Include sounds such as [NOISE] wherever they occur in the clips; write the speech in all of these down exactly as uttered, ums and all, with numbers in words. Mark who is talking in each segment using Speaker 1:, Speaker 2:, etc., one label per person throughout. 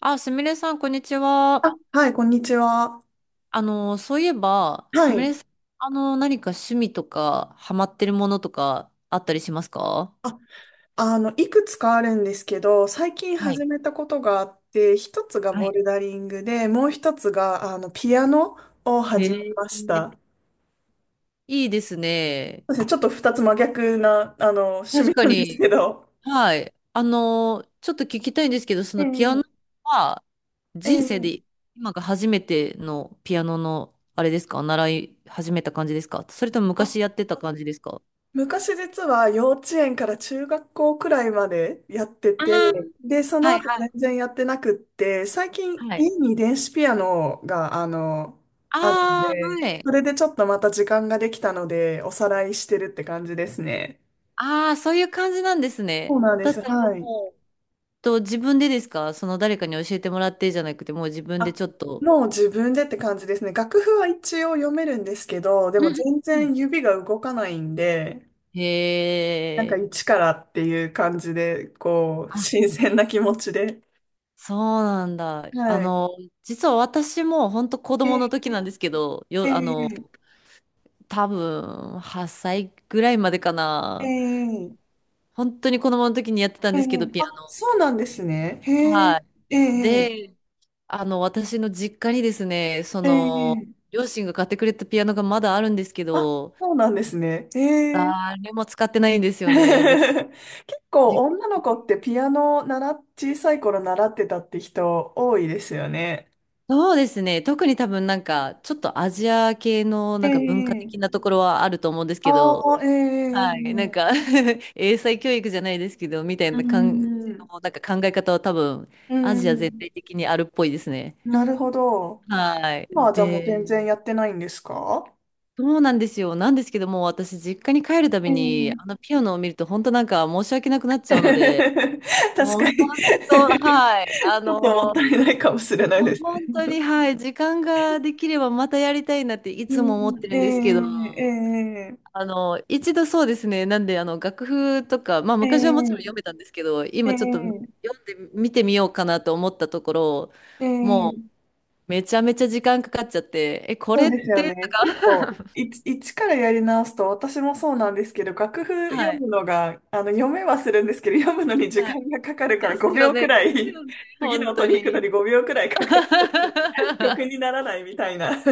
Speaker 1: あ、すみれさん、こんにちは。
Speaker 2: はい、こんにちは。
Speaker 1: あの、そういえば、
Speaker 2: は
Speaker 1: すみ
Speaker 2: い。
Speaker 1: れさん、あの、何か趣味とか、ハマってるものとか、あったりしますか？
Speaker 2: あの、いくつかあるんですけど、最近
Speaker 1: はい。
Speaker 2: 始めたことがあって、一つが
Speaker 1: は
Speaker 2: ボ
Speaker 1: い。
Speaker 2: ルダリングで、もう一つが、あの、ピアノを始めました。
Speaker 1: いいですね。
Speaker 2: そうですね、ちょっと二つ真逆な、あの、趣
Speaker 1: 確
Speaker 2: 味
Speaker 1: か
Speaker 2: なんです
Speaker 1: に、
Speaker 2: けど。
Speaker 1: はい。あの、ちょっと聞きたいんですけど、そのピアノ
Speaker 2: ええ
Speaker 1: は、
Speaker 2: え
Speaker 1: 人生で
Speaker 2: え
Speaker 1: 今が初めてのピアノの、あれですか？習い始めた感じですか？それとも
Speaker 2: あ
Speaker 1: 昔やってた感じですか？
Speaker 2: 昔実は幼稚園から中学校くらいまでやって
Speaker 1: ああー、
Speaker 2: て、で、そ
Speaker 1: は
Speaker 2: の
Speaker 1: い
Speaker 2: 後
Speaker 1: はい。
Speaker 2: 全然やってなくって、最近
Speaker 1: は
Speaker 2: 家
Speaker 1: い。
Speaker 2: に電子ピアノが、あの、あるの
Speaker 1: ああ
Speaker 2: で、
Speaker 1: ー、はい。
Speaker 2: それでちょっとまた時間ができたので、おさらいしてるって感じですね。
Speaker 1: ああ、そういう感じなんです
Speaker 2: そう
Speaker 1: ね。
Speaker 2: なんで
Speaker 1: だっ
Speaker 2: す。
Speaker 1: たら
Speaker 2: はい。
Speaker 1: もう、と、自分でですか？その誰かに教えてもらってじゃなくて、もう自分で
Speaker 2: あ、
Speaker 1: ちょっと。
Speaker 2: もう自分でって感じですね。楽譜は一応読めるんですけど、で
Speaker 1: うん
Speaker 2: も
Speaker 1: うん、
Speaker 2: 全
Speaker 1: うん、
Speaker 2: 然指が動かないんで、
Speaker 1: へ
Speaker 2: なんか
Speaker 1: え。
Speaker 2: 一からっていう感じで、こう、
Speaker 1: あ、
Speaker 2: 新鮮な気持ちで。
Speaker 1: そうなんだ。あ
Speaker 2: はい。
Speaker 1: の、実は私も本当子供の時なんですけど、
Speaker 2: え
Speaker 1: よ、あの、
Speaker 2: え、
Speaker 1: 多分はっさいぐらいまでか
Speaker 2: え
Speaker 1: な。
Speaker 2: え、
Speaker 1: 本当に子供の時にやってたん
Speaker 2: え
Speaker 1: ですけど、
Speaker 2: え、
Speaker 1: ピア
Speaker 2: あ、そうなんですね。
Speaker 1: ノ。
Speaker 2: へえ、
Speaker 1: はい。
Speaker 2: ええ、
Speaker 1: で、あの、私の実家にですね、そ
Speaker 2: え
Speaker 1: の、
Speaker 2: え、
Speaker 1: 両親が買ってくれたピアノがまだあるんですけ
Speaker 2: あ、
Speaker 1: ど、
Speaker 2: そうなんですね。へえ。
Speaker 1: 誰も使ってないんですよね。で、
Speaker 2: [LAUGHS] 結構
Speaker 1: じ、
Speaker 2: 女の子ってピアノ習っ、小さい頃習ってたって人多いですよね。
Speaker 1: そうですね。特に多分なんか、ちょっとアジア系の
Speaker 2: え
Speaker 1: なんか文化
Speaker 2: え、
Speaker 1: 的なところはあると思うんですけ
Speaker 2: あ
Speaker 1: ど、
Speaker 2: あ、ええ、
Speaker 1: はい。なん
Speaker 2: う
Speaker 1: か [LAUGHS] 英才教育じゃないですけど、みたいな感じの
Speaker 2: ん、
Speaker 1: なんか考え方は多分、
Speaker 2: う
Speaker 1: アジア全
Speaker 2: ん、
Speaker 1: 体的にあるっぽいですね。
Speaker 2: なるほど。
Speaker 1: はい。
Speaker 2: 今はじゃあもう
Speaker 1: で、
Speaker 2: 全然やってないんですか？
Speaker 1: そうなんですよ。なんですけども、私、実家に帰るた
Speaker 2: え
Speaker 1: びに、あ
Speaker 2: え。
Speaker 1: のピアノを見ると、本当なんか申し訳なくなっ
Speaker 2: [LAUGHS]
Speaker 1: ちゃうので、
Speaker 2: 確
Speaker 1: もう
Speaker 2: か
Speaker 1: 本
Speaker 2: に
Speaker 1: 当、はい。あ
Speaker 2: ちょっ
Speaker 1: の
Speaker 2: ともったいないかもしれない
Speaker 1: もう
Speaker 2: です
Speaker 1: 本当
Speaker 2: ね。
Speaker 1: に、はい、時間ができればまたやりたいなっていつも思っ
Speaker 2: う
Speaker 1: てるんですけど、
Speaker 2: ん、ええ
Speaker 1: あの、一度そうですね、なんで、あの、楽譜とか、まあ
Speaker 2: え
Speaker 1: 昔はもちろん読
Speaker 2: えええ
Speaker 1: めたんですけど、今
Speaker 2: え
Speaker 1: ちょっと
Speaker 2: え
Speaker 1: 読んで見てみようかなと思ったところ、もう
Speaker 2: ええ
Speaker 1: めちゃめちゃ時間かかっちゃって、え、こ
Speaker 2: そ
Speaker 1: れ
Speaker 2: う
Speaker 1: っ
Speaker 2: ですよ
Speaker 1: て、
Speaker 2: ね。結構、一、一からやり直すと、私もそうなんですけど、楽譜
Speaker 1: は
Speaker 2: 読
Speaker 1: い、
Speaker 2: むのが、あの、読めはするんですけど、読むのに時
Speaker 1: はい、
Speaker 2: 間がかかるから
Speaker 1: です
Speaker 2: 5
Speaker 1: よ
Speaker 2: 秒く
Speaker 1: ね、で
Speaker 2: ら
Speaker 1: す
Speaker 2: い、
Speaker 1: よね、
Speaker 2: [LAUGHS] 次の
Speaker 1: 本
Speaker 2: 音
Speaker 1: 当
Speaker 2: に行くのに
Speaker 1: に。
Speaker 2: ごびょうくらいかかると、曲
Speaker 1: [LAUGHS]
Speaker 2: にならないみたいな。[LAUGHS]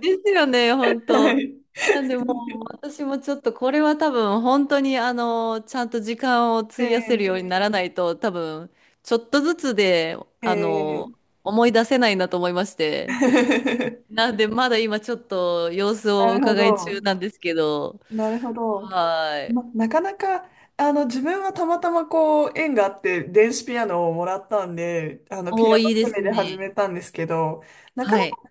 Speaker 1: ですよね、本
Speaker 2: は
Speaker 1: 当。
Speaker 2: い。
Speaker 1: なんでもう私もちょっとこれは多分本当にあのちゃんと時間を費やせるように
Speaker 2: ええ
Speaker 1: ならないと多分ちょっとずつで
Speaker 2: え
Speaker 1: あの
Speaker 2: え
Speaker 1: 思い出せないなと思いまして。
Speaker 2: [LAUGHS]
Speaker 1: なんでまだ今ちょっと様子
Speaker 2: な
Speaker 1: を
Speaker 2: るほ
Speaker 1: 伺い中
Speaker 2: ど。
Speaker 1: なんですけど。
Speaker 2: なるほど。
Speaker 1: はい。
Speaker 2: ま、なかなか、あの、自分はたまたまこう、縁があって、電子ピアノをもらったんで、あの、ピ
Speaker 1: お
Speaker 2: ア
Speaker 1: ー、
Speaker 2: ノ
Speaker 1: いいで
Speaker 2: 趣味
Speaker 1: す
Speaker 2: で始
Speaker 1: ね。
Speaker 2: めたんですけど、なか
Speaker 1: は
Speaker 2: な
Speaker 1: い。
Speaker 2: か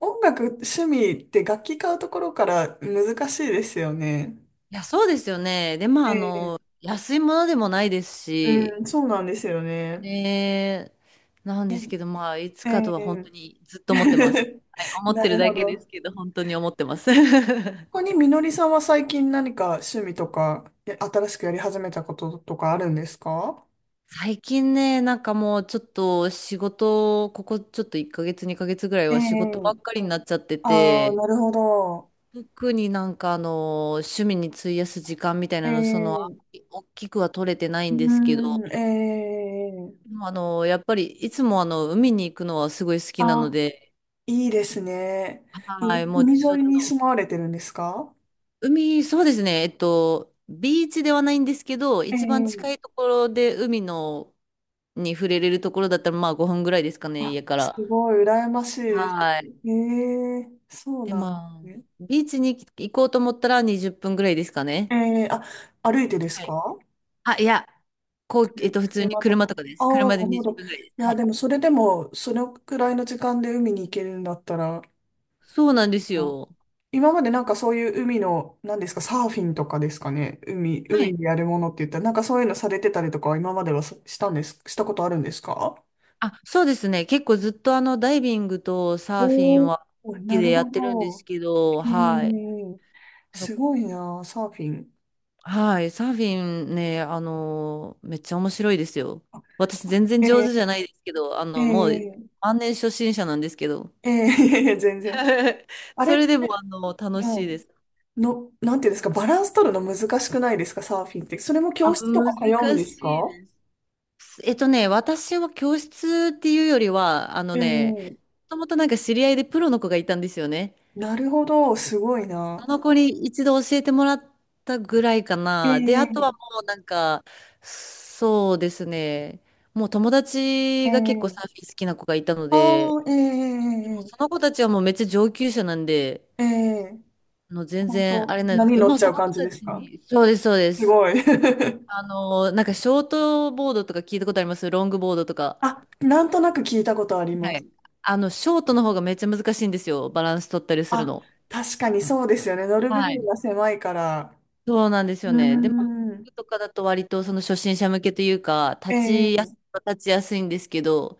Speaker 2: 音楽趣味って楽器買うところから難しいですよね。
Speaker 1: いや、そうですよね。で、まあ、
Speaker 2: え
Speaker 1: あ
Speaker 2: え、
Speaker 1: の、安いものでもないです
Speaker 2: う
Speaker 1: し、
Speaker 2: ん、そうなんですよね。
Speaker 1: ねえ、なん
Speaker 2: え
Speaker 1: ですけど、まあ、いつか
Speaker 2: え、
Speaker 1: と
Speaker 2: え
Speaker 1: は本当
Speaker 2: え
Speaker 1: にずっと思ってます。
Speaker 2: [LAUGHS]
Speaker 1: はい、思っ
Speaker 2: な
Speaker 1: てる
Speaker 2: る
Speaker 1: だ
Speaker 2: ほ
Speaker 1: けです
Speaker 2: ど。
Speaker 1: けど、本当に思ってます。
Speaker 2: ここ
Speaker 1: [LAUGHS]
Speaker 2: にみのりさんは最近何か趣味とか、え新しくやり始めたこととかあるんですか？
Speaker 1: 最近ね、なんかもうちょっと仕事、ここちょっといっかげつ、にかげつぐらい
Speaker 2: え
Speaker 1: は仕事ばっ
Speaker 2: え、
Speaker 1: かりになっちゃって
Speaker 2: ああ、
Speaker 1: て、
Speaker 2: なるほど。
Speaker 1: 特になんかあの、趣味に費やす時間みたいなの、その、あんま
Speaker 2: ええ
Speaker 1: り大きくは取れてない
Speaker 2: う
Speaker 1: んですけ
Speaker 2: ー
Speaker 1: ど、
Speaker 2: ん、ええ
Speaker 1: でもあの、やっぱりいつもあの、海に行くのはすごい好きなの
Speaker 2: あ、
Speaker 1: で、
Speaker 2: いいですね。
Speaker 1: は
Speaker 2: 海
Speaker 1: い、もう
Speaker 2: 海
Speaker 1: ちょ
Speaker 2: 沿い
Speaker 1: っ
Speaker 2: に住
Speaker 1: と、
Speaker 2: まわれてるんですか？
Speaker 1: 海、そうですね。えっと、ビーチではないんですけど、
Speaker 2: え
Speaker 1: 一番近い
Speaker 2: え
Speaker 1: ところで海のに触れれるところだったら、まあごふんぐらいですかね、
Speaker 2: あ、
Speaker 1: 家か
Speaker 2: す
Speaker 1: ら。
Speaker 2: ごい、羨ましいです。
Speaker 1: はい。
Speaker 2: ええそう
Speaker 1: で、
Speaker 2: なんで
Speaker 1: ま
Speaker 2: すね。
Speaker 1: あ、ビーチに行こうと思ったらにじゅっぷんぐらいですか
Speaker 2: え
Speaker 1: ね。
Speaker 2: えあ、歩いてです
Speaker 1: はい。
Speaker 2: か？
Speaker 1: あ、いや、こう、えっと、
Speaker 2: く
Speaker 1: 普通に
Speaker 2: 車と
Speaker 1: 車
Speaker 2: か。
Speaker 1: とかで
Speaker 2: あ
Speaker 1: す。
Speaker 2: あ、
Speaker 1: 車で
Speaker 2: なるほ
Speaker 1: 20
Speaker 2: ど。い
Speaker 1: 分ぐらいです。は
Speaker 2: や、
Speaker 1: い。
Speaker 2: でも、それでも、そのくらいの時間で海に行けるんだったら、
Speaker 1: そうなんです
Speaker 2: あ
Speaker 1: よ。
Speaker 2: 今までなんかそういう海の、何ですか、サーフィンとかですかね。海、
Speaker 1: は
Speaker 2: 海
Speaker 1: い。
Speaker 2: でやるものって言ったら、なんかそういうのされてたりとかは今まではさしたんです、したことあるんですか？
Speaker 1: あ、そうですね。結構ずっとあの、ダイビングとサーフィ
Speaker 2: お
Speaker 1: ン
Speaker 2: ー
Speaker 1: は好
Speaker 2: おー
Speaker 1: き
Speaker 2: な
Speaker 1: で
Speaker 2: る
Speaker 1: や
Speaker 2: ほ
Speaker 1: ってるんです
Speaker 2: ど。
Speaker 1: けど、
Speaker 2: え
Speaker 1: はい。
Speaker 2: ー、すごいな、サーフィン。
Speaker 1: はい、サーフィンね、あの、めっちゃ面白いですよ。私全然
Speaker 2: あえ
Speaker 1: 上手じゃないですけど、あ
Speaker 2: ー、
Speaker 1: の、もう
Speaker 2: え
Speaker 1: 万年初心者なんですけど、
Speaker 2: ー、えー、[LAUGHS] 全然。
Speaker 1: [LAUGHS]
Speaker 2: あ
Speaker 1: そ
Speaker 2: れ、は
Speaker 1: れでもあの、楽しいで
Speaker 2: い。
Speaker 1: す。
Speaker 2: の、なんていうんですか、バランス取るの難しくないですか、サーフィンって。それも
Speaker 1: あ、
Speaker 2: 教室と
Speaker 1: 難
Speaker 2: か通うんです
Speaker 1: しい
Speaker 2: か？
Speaker 1: です。えっとね、私は教室っていうよりは、あの
Speaker 2: え
Speaker 1: ね、
Speaker 2: ー、
Speaker 1: もともとなんか知り合いでプロの子がいたんですよね。
Speaker 2: なるほど、すごいな。
Speaker 1: あの子に一度教えてもらったぐらいか
Speaker 2: え
Speaker 1: な。で、あとは
Speaker 2: ー
Speaker 1: もうなんか、そうですね。もう友
Speaker 2: え
Speaker 1: 達が結構サ
Speaker 2: え
Speaker 1: ーフィン好きな子がいたので、
Speaker 2: ああ、ええ
Speaker 1: でもその子たちはもうめっちゃ上級者なんで、
Speaker 2: ええええ
Speaker 1: あの全
Speaker 2: 本
Speaker 1: 然
Speaker 2: 当、
Speaker 1: あれなんです
Speaker 2: 波
Speaker 1: けど、
Speaker 2: 乗っ
Speaker 1: まあ
Speaker 2: ち
Speaker 1: そ
Speaker 2: ゃう
Speaker 1: の子
Speaker 2: 感じ
Speaker 1: た
Speaker 2: です
Speaker 1: ち
Speaker 2: か？
Speaker 1: に、そうです、そうで
Speaker 2: す
Speaker 1: す。
Speaker 2: ごい。[LAUGHS]
Speaker 1: あの、なんかショートボードとか聞いたことあります？ロングボードとか。
Speaker 2: あ、なんとなく聞いたことあり
Speaker 1: は
Speaker 2: ます。
Speaker 1: い。あの、ショートの方がめっちゃ難しいんですよ。バランス取ったりする
Speaker 2: あ、
Speaker 1: の。
Speaker 2: 確かにそうですよね。乗る部
Speaker 1: は
Speaker 2: 分
Speaker 1: い、
Speaker 2: が狭いから。
Speaker 1: そうなんです
Speaker 2: う
Speaker 1: よね。で、まあ、
Speaker 2: ー
Speaker 1: 工
Speaker 2: ん。
Speaker 1: 具とかだと割とその初心者向けというか、立
Speaker 2: え
Speaker 1: ちや
Speaker 2: え
Speaker 1: す、立ちやすいんですけど、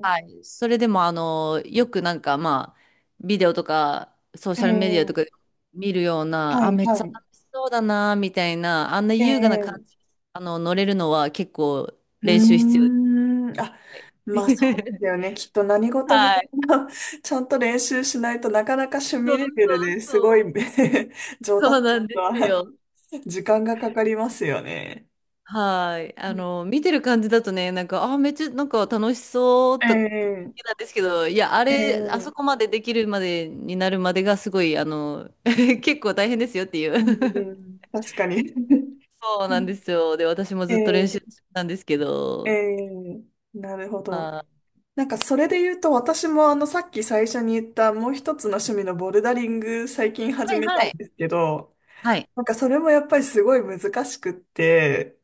Speaker 1: は
Speaker 2: え
Speaker 1: い。それでも、あの、よくなんか、まあ、ビデオとか、ソーシャルメディアと
Speaker 2: え
Speaker 1: かで
Speaker 2: え
Speaker 1: 見るよう
Speaker 2: は
Speaker 1: な、あ、
Speaker 2: い、
Speaker 1: めっち
Speaker 2: は
Speaker 1: ゃ
Speaker 2: い。
Speaker 1: 楽しそうだな、みたいな、あんな
Speaker 2: え
Speaker 1: 優雅な感
Speaker 2: え
Speaker 1: じ、あの、乗れるのは結構
Speaker 2: う
Speaker 1: 練習必要です。
Speaker 2: ーん。あ、まあそうですよ
Speaker 1: [LAUGHS]
Speaker 2: ね。きっと何事も
Speaker 1: はい。
Speaker 2: [LAUGHS] ちゃんと練習しないとなかなか趣
Speaker 1: そ
Speaker 2: 味
Speaker 1: うそ
Speaker 2: レベルで
Speaker 1: う
Speaker 2: すごい
Speaker 1: そう。
Speaker 2: [LAUGHS] 上
Speaker 1: そ
Speaker 2: 達
Speaker 1: うなんです
Speaker 2: は
Speaker 1: よ。
Speaker 2: [LAUGHS] 時間がかかりますよね。
Speaker 1: はい。あの、見てる感じだとね、なんか、あー、めっちゃ、なんか楽しそう
Speaker 2: え
Speaker 1: と、
Speaker 2: え、
Speaker 1: なんですけど、いや、あ
Speaker 2: え
Speaker 1: れ、あそ
Speaker 2: え、
Speaker 1: こまでできるまでになるまでがすごい、あの、[LAUGHS] 結構大変ですよっていう。
Speaker 2: う
Speaker 1: [LAUGHS]
Speaker 2: ん、確かに。[LAUGHS]
Speaker 1: そうなんですよ。で、私も
Speaker 2: え
Speaker 1: ずっと練
Speaker 2: え、
Speaker 1: 習したんですけ
Speaker 2: え
Speaker 1: ど、
Speaker 2: え、なるほど。
Speaker 1: あー、
Speaker 2: なんかそれで言うと、私もあの、さっき最初に言ったもう一つの趣味のボルダリング最近
Speaker 1: は
Speaker 2: 始
Speaker 1: い
Speaker 2: めた
Speaker 1: は
Speaker 2: ん
Speaker 1: い。
Speaker 2: ですけど、
Speaker 1: はい。
Speaker 2: なんかそれもやっぱりすごい難しくって、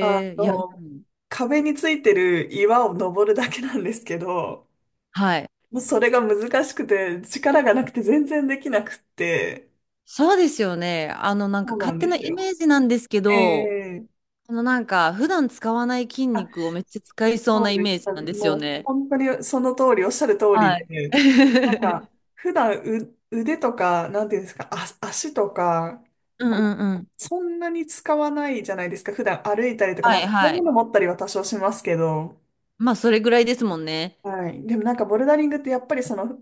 Speaker 2: あ
Speaker 1: え、いや、う
Speaker 2: の、
Speaker 1: ん、
Speaker 2: 壁についてる岩を登るだけなんですけど、
Speaker 1: はい。
Speaker 2: もうそれが難しくて、力がなくて全然できなくって、
Speaker 1: そうですよね。あの、なんか
Speaker 2: そうな
Speaker 1: 勝
Speaker 2: ん
Speaker 1: 手
Speaker 2: で
Speaker 1: な
Speaker 2: す
Speaker 1: イ
Speaker 2: よ。
Speaker 1: メージなんですけ
Speaker 2: え
Speaker 1: ど、
Speaker 2: え
Speaker 1: あの、なんか普段使わない筋
Speaker 2: あ、
Speaker 1: 肉をめっちゃ使いそう
Speaker 2: そ
Speaker 1: な
Speaker 2: う
Speaker 1: イ
Speaker 2: でし
Speaker 1: メージ
Speaker 2: た。
Speaker 1: なんですよ
Speaker 2: もう
Speaker 1: ね。
Speaker 2: 本当にその通り、おっしゃる通り
Speaker 1: はい。
Speaker 2: で、なんか、
Speaker 1: [LAUGHS]
Speaker 2: 普段う腕とか、なんていうんですか、あ、足とか、
Speaker 1: うん
Speaker 2: こう、
Speaker 1: うんうん。
Speaker 2: そんなに使わないじゃないですか。普段歩いたりとか、
Speaker 1: は
Speaker 2: まあ、
Speaker 1: い
Speaker 2: 重い
Speaker 1: は
Speaker 2: も
Speaker 1: い。
Speaker 2: の持ったりは多少しますけど、
Speaker 1: まあ、それぐらいですもんね。
Speaker 2: はい。でもなんかボルダリングってやっぱりその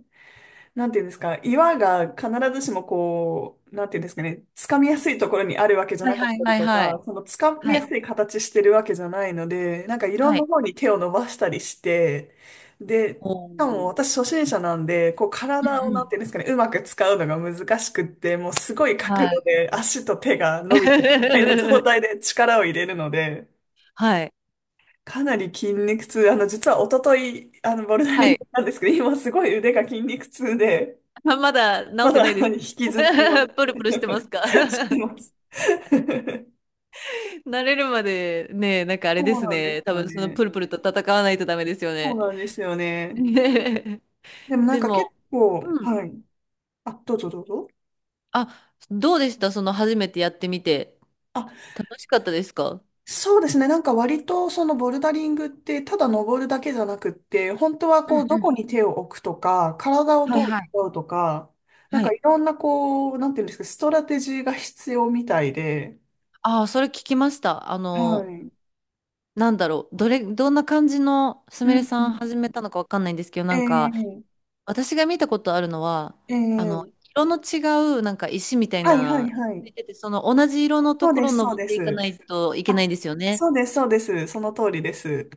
Speaker 2: なんていうんですか、岩が必ずしもこう、なんていうんですかね、掴みやすいところにあるわけじゃ
Speaker 1: はい
Speaker 2: なかっ
Speaker 1: はい
Speaker 2: たり
Speaker 1: はい
Speaker 2: と
Speaker 1: はい。
Speaker 2: か、その掴み
Speaker 1: は
Speaker 2: や
Speaker 1: い。
Speaker 2: すい形してるわけじゃないので、なんかいろん
Speaker 1: は
Speaker 2: な
Speaker 1: い。
Speaker 2: 方に手を伸ばしたりして、で、し
Speaker 1: お
Speaker 2: かも
Speaker 1: ー、
Speaker 2: 私初心者なんで、こう
Speaker 1: うんう
Speaker 2: 体をなん
Speaker 1: ん。
Speaker 2: ていうんですかね、うまく使うのが難しくって、もうすごい
Speaker 1: は
Speaker 2: 角度
Speaker 1: い。
Speaker 2: で足と手が伸びてみたいな状態
Speaker 1: [LAUGHS]
Speaker 2: で力を入れるので、
Speaker 1: はい。
Speaker 2: かなり筋肉痛、あの、実は一昨日、あの、ボルダリ
Speaker 1: は
Speaker 2: ング
Speaker 1: い。
Speaker 2: なんですけど、今すごい腕が筋肉痛で、
Speaker 1: あ、まだ治っ
Speaker 2: ま
Speaker 1: て
Speaker 2: だ
Speaker 1: ない
Speaker 2: あ
Speaker 1: で
Speaker 2: の
Speaker 1: す。
Speaker 2: 引きずっては
Speaker 1: [LAUGHS] プルプルしてますか？
Speaker 2: [LAUGHS] してま
Speaker 1: [LAUGHS]
Speaker 2: す。[LAUGHS]
Speaker 1: 慣れるまでね、なんかあれ
Speaker 2: そ
Speaker 1: で
Speaker 2: う
Speaker 1: す
Speaker 2: なんで
Speaker 1: ね。
Speaker 2: す
Speaker 1: 多
Speaker 2: よ
Speaker 1: 分その
Speaker 2: ね。
Speaker 1: プルプルと戦わないとダメですよ
Speaker 2: そう
Speaker 1: ね。
Speaker 2: なんですよね。
Speaker 1: [LAUGHS]
Speaker 2: でもなん
Speaker 1: で
Speaker 2: か結
Speaker 1: も、
Speaker 2: 構、
Speaker 1: うん。
Speaker 2: はい。あ、どうぞどうぞ。
Speaker 1: あ、どうでしたその初めてやってみて。
Speaker 2: あ、
Speaker 1: 楽しかったですか？
Speaker 2: そうですね。なんか割とそのボルダリングってただ登るだけじゃなくって、本当は
Speaker 1: う
Speaker 2: こう
Speaker 1: ん
Speaker 2: ど
Speaker 1: うん。
Speaker 2: こに手を置くとか、体を
Speaker 1: はい
Speaker 2: どう
Speaker 1: はい。
Speaker 2: 使うとか、なん
Speaker 1: は
Speaker 2: か
Speaker 1: い。
Speaker 2: いろんなこう、なんていうんですか、ストラテジーが必要みたいで、
Speaker 1: ああ、それ聞きました。あ
Speaker 2: は
Speaker 1: の、
Speaker 2: い。
Speaker 1: なんだろう、どれ、どんな感じのす
Speaker 2: う
Speaker 1: みれ
Speaker 2: んう
Speaker 1: さん
Speaker 2: ん。
Speaker 1: 始めたのかわかんないんですけど、なんか、
Speaker 2: ええ
Speaker 1: 私が見たことあるのは、
Speaker 2: え
Speaker 1: あの、
Speaker 2: え
Speaker 1: 色の違う、なんか石みたい
Speaker 2: はいは
Speaker 1: な、
Speaker 2: いは
Speaker 1: つ
Speaker 2: い。
Speaker 1: いてて、その同じ色のと
Speaker 2: そう
Speaker 1: こ
Speaker 2: で
Speaker 1: ろを
Speaker 2: す、そう
Speaker 1: 登っ
Speaker 2: で
Speaker 1: ていかな
Speaker 2: す。
Speaker 1: いといけ
Speaker 2: あ、
Speaker 1: ないんですよね。
Speaker 2: そうです、そうです。その通りです。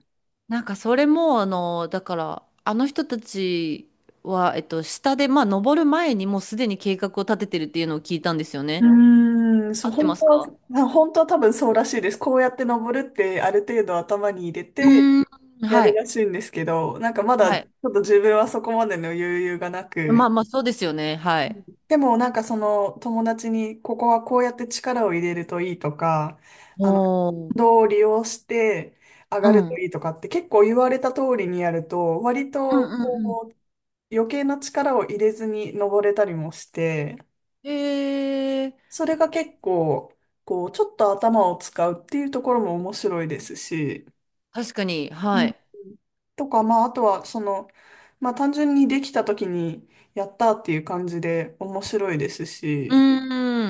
Speaker 1: なんか、それも、あの、だから、あの人たちは、えっと、下で、まあ、登る前にもうすでに計画を立ててるっていうのを聞いたんですよ
Speaker 2: う
Speaker 1: ね。
Speaker 2: ーん、そ
Speaker 1: 合
Speaker 2: う
Speaker 1: って
Speaker 2: 本
Speaker 1: ま
Speaker 2: 当
Speaker 1: す
Speaker 2: は、
Speaker 1: か？
Speaker 2: あ本当は多分そうらしいです。こうやって登るってある程度頭に入れ
Speaker 1: う
Speaker 2: て
Speaker 1: ーん、
Speaker 2: や
Speaker 1: は
Speaker 2: る
Speaker 1: い、
Speaker 2: らしいんですけど、なんかまだ
Speaker 1: は
Speaker 2: ち
Speaker 1: い。
Speaker 2: ょっと自分はそこまでの余裕がな
Speaker 1: まあ
Speaker 2: く、
Speaker 1: まあ、そうですよね。はい。
Speaker 2: でもなんかその友達にここはこうやって力を入れるといいとか、あの、
Speaker 1: おー、
Speaker 2: 運動を利用して上
Speaker 1: う
Speaker 2: がる
Speaker 1: ん。う
Speaker 2: と
Speaker 1: ん
Speaker 2: いいとかって結構言われた通りにやると、割
Speaker 1: う
Speaker 2: と
Speaker 1: んうん。
Speaker 2: 余計な力を入れずに登れたりもして、
Speaker 1: へえー、
Speaker 2: それが結構、こう、ちょっと頭を使うっていうところも面白いですし、
Speaker 1: 確かに、
Speaker 2: う
Speaker 1: は
Speaker 2: ん
Speaker 1: い。
Speaker 2: とか、まあ、あとは、その、まあ、単純にできた時に、やったっていう感じで面白いです
Speaker 1: う
Speaker 2: し、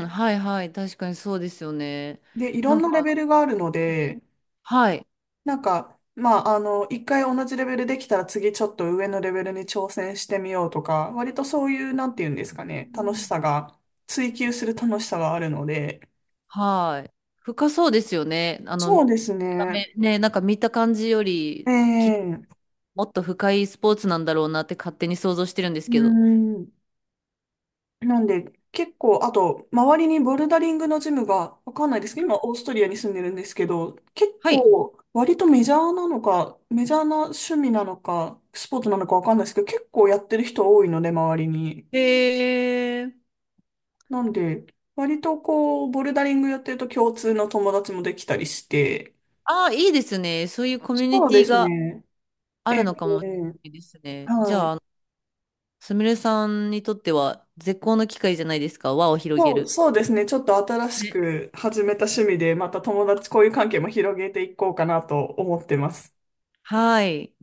Speaker 1: ーん、はいはい、確かにそうですよね。
Speaker 2: で、いろ
Speaker 1: な
Speaker 2: ん
Speaker 1: ん
Speaker 2: なレ
Speaker 1: か、
Speaker 2: ベルがあるの
Speaker 1: うん、
Speaker 2: で、
Speaker 1: はい、
Speaker 2: なんか、まあ、あの、一回同じレベルできたら次ちょっと上のレベルに挑戦してみようとか、割とそういう、なんていうんですか
Speaker 1: う
Speaker 2: ね、楽し
Speaker 1: ん、
Speaker 2: さが、追求する楽しさがあるので、
Speaker 1: はい。深そうですよね。あの、見
Speaker 2: そうです
Speaker 1: た
Speaker 2: ね。
Speaker 1: 目ね、なんか見た感じよ
Speaker 2: え
Speaker 1: り、きっと
Speaker 2: え
Speaker 1: もっと深いスポーツなんだろうなって勝手に想像してるんです
Speaker 2: うー
Speaker 1: けど。
Speaker 2: ん。なんで、結構、あと、周りにボルダリングのジムが、わかんないですけど、今、オーストリアに住んでるんですけど、結
Speaker 1: はい。
Speaker 2: 構、割とメジャーなのか、メジャーな趣味なのか、スポーツなのかわかんないですけど、結構やってる人多いので、周りに。
Speaker 1: へえ、
Speaker 2: なんで、割とこう、ボルダリングやってると共通の友達もできたりして、
Speaker 1: ああ、いいですね。そういうコミュ
Speaker 2: そ
Speaker 1: ニ
Speaker 2: うで
Speaker 1: ティ
Speaker 2: す
Speaker 1: が
Speaker 2: ね。
Speaker 1: あ
Speaker 2: ええ
Speaker 1: るのかもしれないですね。じ
Speaker 2: はい。
Speaker 1: ゃあ、すみれさんにとっては絶好の機会じゃないですか、輪を広げ
Speaker 2: そう、
Speaker 1: る。
Speaker 2: そうですね。ちょっと新し
Speaker 1: ね。
Speaker 2: く始めた趣味で、また友達、こういう関係も広げていこうかなと思ってます。
Speaker 1: はい。